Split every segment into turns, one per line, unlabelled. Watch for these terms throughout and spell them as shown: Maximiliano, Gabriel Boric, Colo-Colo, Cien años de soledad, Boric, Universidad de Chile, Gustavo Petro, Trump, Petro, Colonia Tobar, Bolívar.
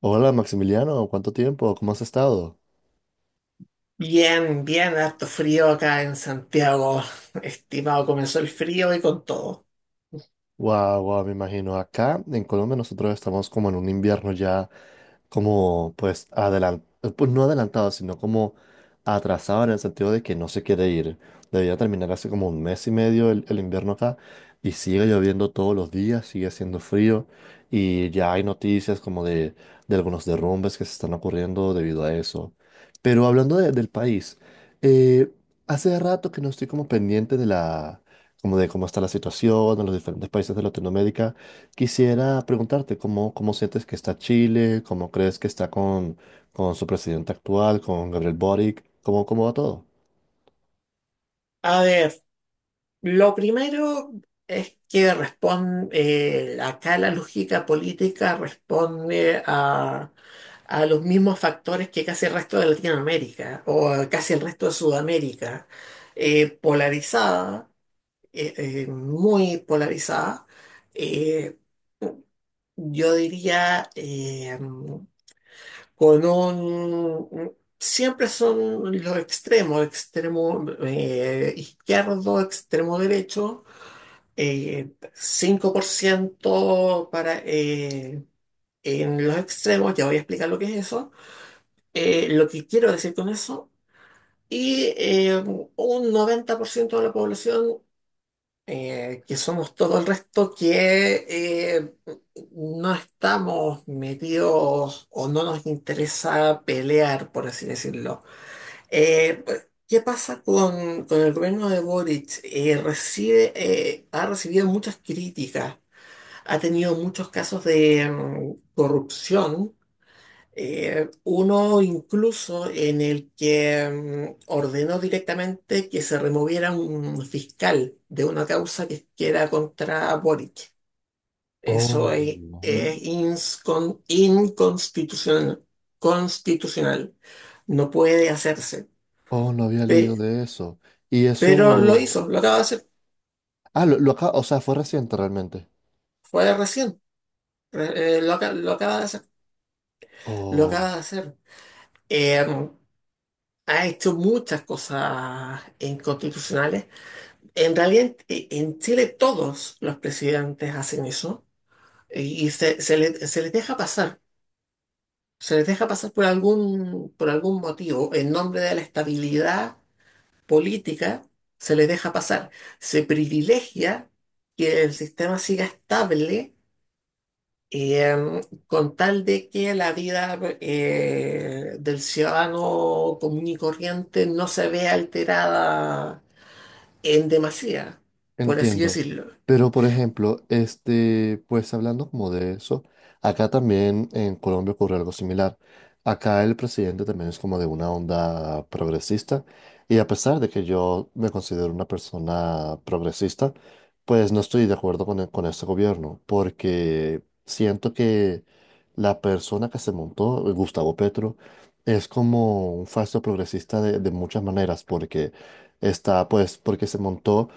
Hola Maximiliano, ¿cuánto tiempo? ¿Cómo has estado?
Bien, bien, harto frío acá en Santiago, estimado. Comenzó el frío y con todo.
Guau, guau, me imagino. Acá en Colombia nosotros estamos como en un invierno ya como pues adelantado, pues no adelantado, sino como atrasado en el sentido de que no se quiere ir. Debía terminar hace como un mes y medio el invierno acá y sigue lloviendo todos los días, sigue haciendo frío y ya hay noticias como de algunos derrumbes que se están ocurriendo debido a eso. Pero hablando del país, eh, hace rato que no estoy como pendiente como de cómo está la situación en los diferentes países de Latinoamérica. Quisiera preguntarte cómo sientes que está Chile, cómo crees que está con su presidente actual, con Gabriel Boric, cómo va todo.
A ver, lo primero es que responde, acá la lógica política responde a los mismos factores que casi el resto de Latinoamérica o a casi el resto de Sudamérica, polarizada, muy polarizada, eh, yo diría con un... Siempre son los extremos, extremo izquierdo, extremo derecho, 5% para, en los extremos, ya voy a explicar lo que es eso, lo que quiero decir con eso, y un 90% de la población, que somos todo el resto, que no estamos metidos o no nos interesa pelear, por así decirlo. Eh, ¿Qué pasa con el gobierno de Boric? Recibe, ha recibido muchas críticas, ha tenido muchos casos de corrupción. Uno incluso en el que ordenó directamente que se removiera un fiscal de una causa que era contra Boric.
Oh,
Eso
mm,
es inconstitucional. Constitucional. No puede hacerse.
oh, no había leído
Pe-
de eso. Y
pero lo
eso.
hizo, lo acaba de hacer.
Ah, lo acá, o sea, fue reciente realmente.
Fue recién. Lo acaba de hacer. Lo acaba de hacer. Eh, ha hecho muchas cosas inconstitucionales. En realidad, en Chile todos los presidentes hacen eso y se les deja pasar. Se les deja pasar por algún motivo. En nombre de la estabilidad política, se les deja pasar. Se privilegia que el sistema siga estable, eh, con tal de que la vida del ciudadano común y corriente no se vea alterada en demasía, por así
Entiendo.
decirlo.
Pero, por ejemplo, este, pues hablando como de eso, acá también en Colombia ocurre algo similar. Acá el presidente también es como de una onda progresista y a pesar de que yo me considero una persona progresista, pues no estoy de acuerdo con este gobierno porque siento que la persona que se montó, Gustavo Petro, es como un falso progresista de muchas maneras porque está, pues, porque se montó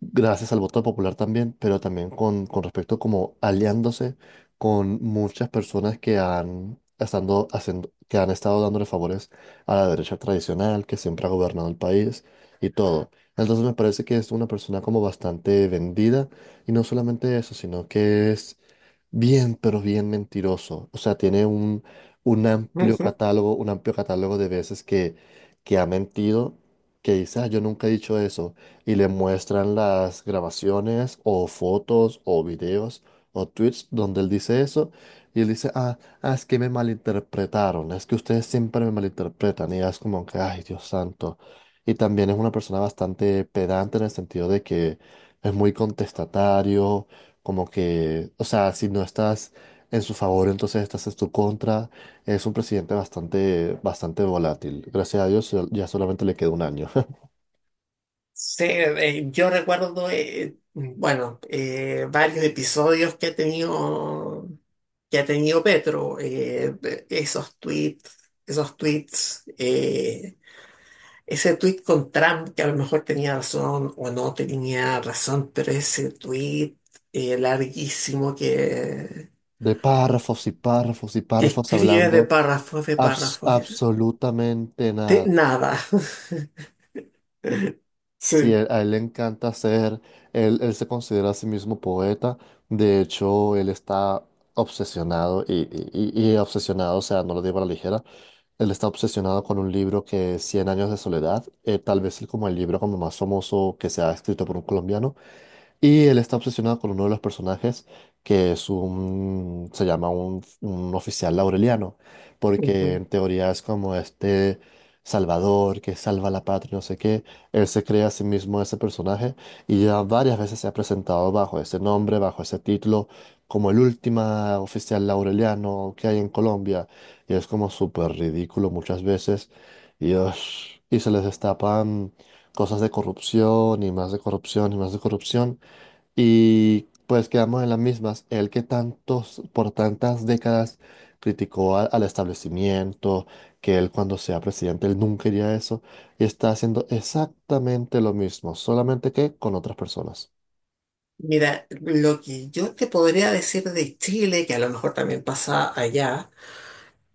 gracias al voto popular también, pero también con respecto como aliándose con muchas personas que han estado dándole favores a la derecha tradicional, que siempre ha gobernado el país y todo. Entonces me parece que es una persona como bastante vendida y no solamente eso, sino que es bien, pero bien mentiroso. O sea, tiene un amplio
Ujú.
catálogo, un amplio catálogo de veces que ha mentido, que dice, ah, yo nunca he dicho eso. Y le muestran las grabaciones o fotos o videos o tweets donde él dice eso. Y él dice, ah, ah, es que me malinterpretaron. Es que ustedes siempre me malinterpretan. Y es como que, ay, Dios santo. Y también es una persona bastante pedante en el sentido de que es muy contestatario como que, o sea, si no estás en su favor, entonces estás en su contra. Es un presidente bastante, bastante volátil. Gracias a Dios ya solamente le queda un año.
Sí, yo recuerdo, bueno, varios episodios que ha tenido Petro, esos tweets, esos tweets, eh, ese tweet con Trump que a lo mejor tenía razón o no tenía razón, pero ese tweet larguísimo
De párrafos y párrafos y
que
párrafos
escribe de
hablando
párrafos, de párrafos,
absolutamente
de
nada.
nada.
Sí,
Sí.
a él le encanta ser, él se considera a sí mismo poeta, de hecho él está obsesionado y obsesionado, o sea, no lo digo a la ligera, él está obsesionado con un libro que es Cien años de soledad, tal vez como el libro como más famoso que se ha escrito por un colombiano, y él está obsesionado con uno de los personajes, que es se llama un oficial laureliano, porque en teoría es como este salvador que salva la patria, no sé qué. Él se crea a sí mismo ese personaje y ya varias veces se ha presentado bajo ese nombre, bajo ese título, como el último oficial laureliano que hay en Colombia. Y es como súper ridículo muchas veces. Y, ush, y se les destapan cosas de corrupción y más de corrupción y más de corrupción. Y pues quedamos en las mismas. Él que tantos, por tantas décadas criticó al establecimiento, que él cuando sea presidente, él nunca haría eso, y está haciendo exactamente lo mismo, solamente que con otras personas.
Mira, lo que yo te podría decir de Chile, que a lo mejor también pasa allá,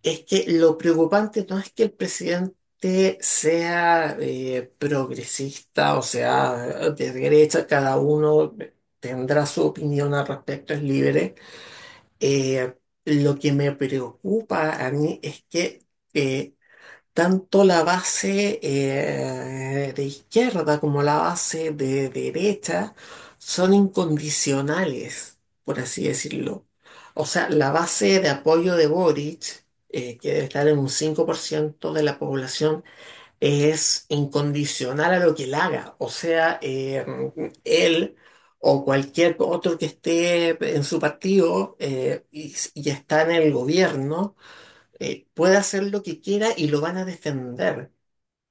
es que lo preocupante no es que el presidente sea progresista o sea de derecha, cada uno tendrá su opinión al respecto, es libre. Eh, lo que me preocupa a mí es que eh, tanto la base de izquierda como la base de derecha son incondicionales, por así decirlo. O sea, la base de apoyo de Boric, que debe estar en un 5% de la población, es incondicional a lo que él haga. O sea, él o cualquier otro que esté en su partido y está en el gobierno puede hacer lo que quiera y lo van a defender.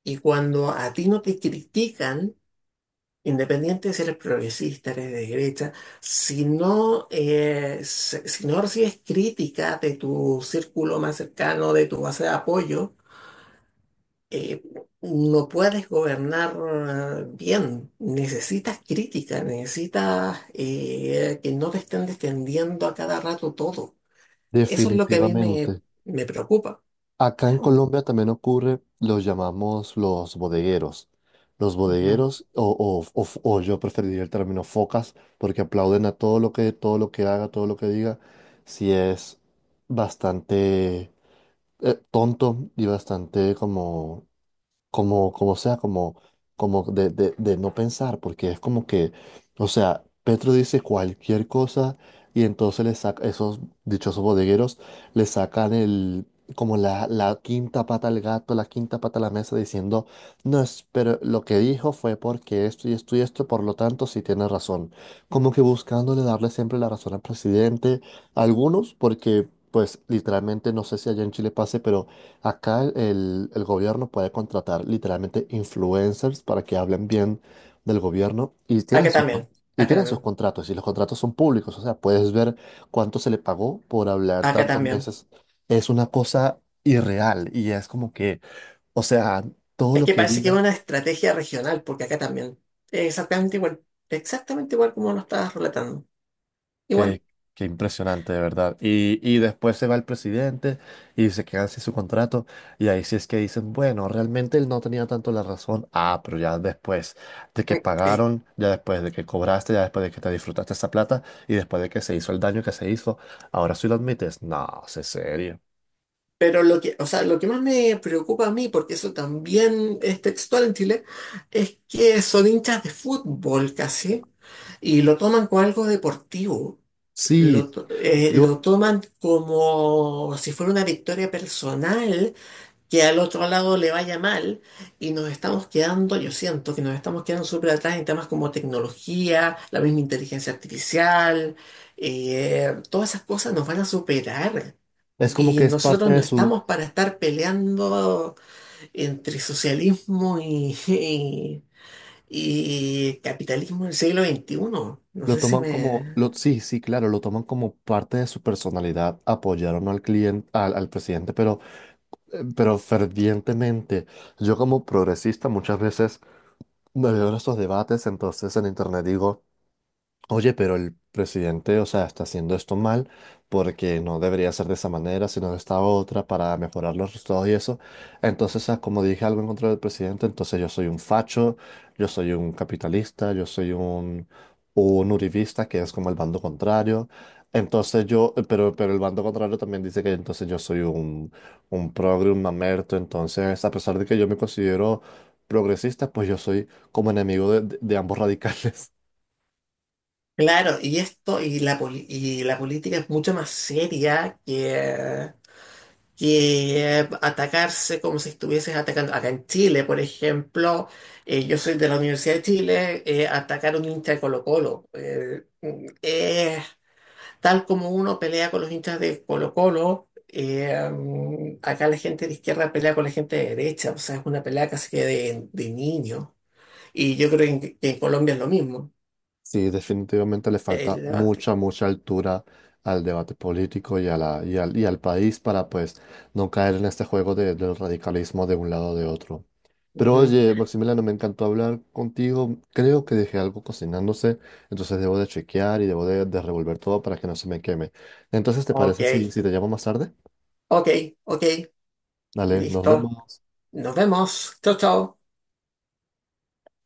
Y cuando a ti no te critican, independiente de si eres progresista, eres de derecha, si no, si no recibes crítica de tu círculo más cercano, de tu base de apoyo, eh, no puedes gobernar bien. Necesitas crítica, necesitas que no te estén defendiendo a cada rato todo. Eso es lo que a mí me,
Definitivamente.
me preocupa.
Acá en Colombia también ocurre, los llamamos los bodegueros. Los
Ujú.
bodegueros, o- o- o yo preferiría el término focas, porque aplauden a todo lo que haga, todo lo que diga, si es bastante tonto y bastante como sea, como de, de no pensar, porque es como que, o sea, Petro dice cualquier cosa y entonces esos dichosos bodegueros le sacan el, como la quinta pata al gato, la quinta pata a la mesa diciendo, no, es, pero lo que dijo fue porque esto y esto y esto, por lo tanto, sí tiene razón. Como que buscándole darle siempre la razón al presidente, algunos porque. Pues literalmente no sé si allá en Chile pase, pero acá el gobierno puede contratar literalmente influencers para que hablen bien del gobierno y tienen
Acá también,
y
acá
tienen sus
también,
contratos y los contratos son públicos, o sea, puedes ver cuánto se le pagó por hablar
acá
tantos
también.
meses. Es una cosa irreal y es como que, o sea, todo
Es
lo
que
que
parece que es
diga.
una estrategia regional, porque acá también. Es exactamente igual como lo estabas relatando. Igual.
Qué, qué impresionante, de verdad. Y después se va el presidente y se queda sin su contrato. Y ahí sí es que dicen, bueno, realmente él no tenía tanto la razón. Ah, pero ya después de que
Eh,
pagaron, ya después de que cobraste, ya después de que te disfrutaste esa plata y después de que se hizo el daño que se hizo, ahora sí lo admites. No, sé serio.
pero lo que, o sea, lo que más me preocupa a mí, porque eso también es textual en Chile, es que son hinchas de fútbol casi, y lo toman como algo deportivo.
Sí,
Lo
yo
toman como si fuera una victoria personal que al otro lado le vaya mal y nos estamos quedando, yo siento que nos estamos quedando súper atrás en temas como tecnología, la misma inteligencia artificial, todas esas cosas nos van a superar.
es como
Y
que es parte
nosotros no
de su.
estamos para estar peleando entre socialismo y, y, y capitalismo del siglo XXI. No
Lo
sé si
toman como,
me...
lo, Sí, sí, claro, lo toman como parte de su personalidad, apoyar o no al cliente, al presidente, pero fervientemente. Yo como progresista muchas veces me veo en estos debates, entonces en internet digo. Oye, pero el presidente, o sea, está haciendo esto mal porque no debería ser de esa manera, sino de esta otra para mejorar los resultados y eso. Entonces, ah, como dije algo en contra del presidente, entonces yo soy un facho, yo soy un capitalista, yo soy un uribista, que es como el bando contrario. Entonces yo, pero el bando contrario también dice que entonces yo soy un progre, un mamerto. Entonces, a pesar de que yo me considero progresista, pues yo soy como enemigo de ambos radicales.
Claro, y esto, y la, y la política es mucho más seria que, que atacarse como si estuvieses atacando. Acá en Chile, por ejemplo, yo soy de la Universidad de Chile, atacar a un hincha de Colo-Colo. Tal como uno pelea con los hinchas de Colo-Colo, acá la gente de izquierda pelea con la gente de derecha, o sea, es una pelea casi que de niño. Y yo creo que en Colombia es lo mismo.
Sí, definitivamente le falta
El debate.
mucha, mucha altura al debate político y, a la, y al país para pues no caer en este juego del radicalismo de un lado o de otro. Pero
Ujú.
oye, Maximiliano, me encantó hablar contigo. Creo que dejé algo cocinándose, entonces debo de chequear y debo de revolver todo para que no se me queme. Entonces, ¿te
Ok,
parece si te llamo más tarde?
ok, ok,
Dale, nos
listo.
vemos.
Nos vemos. Chao, chao.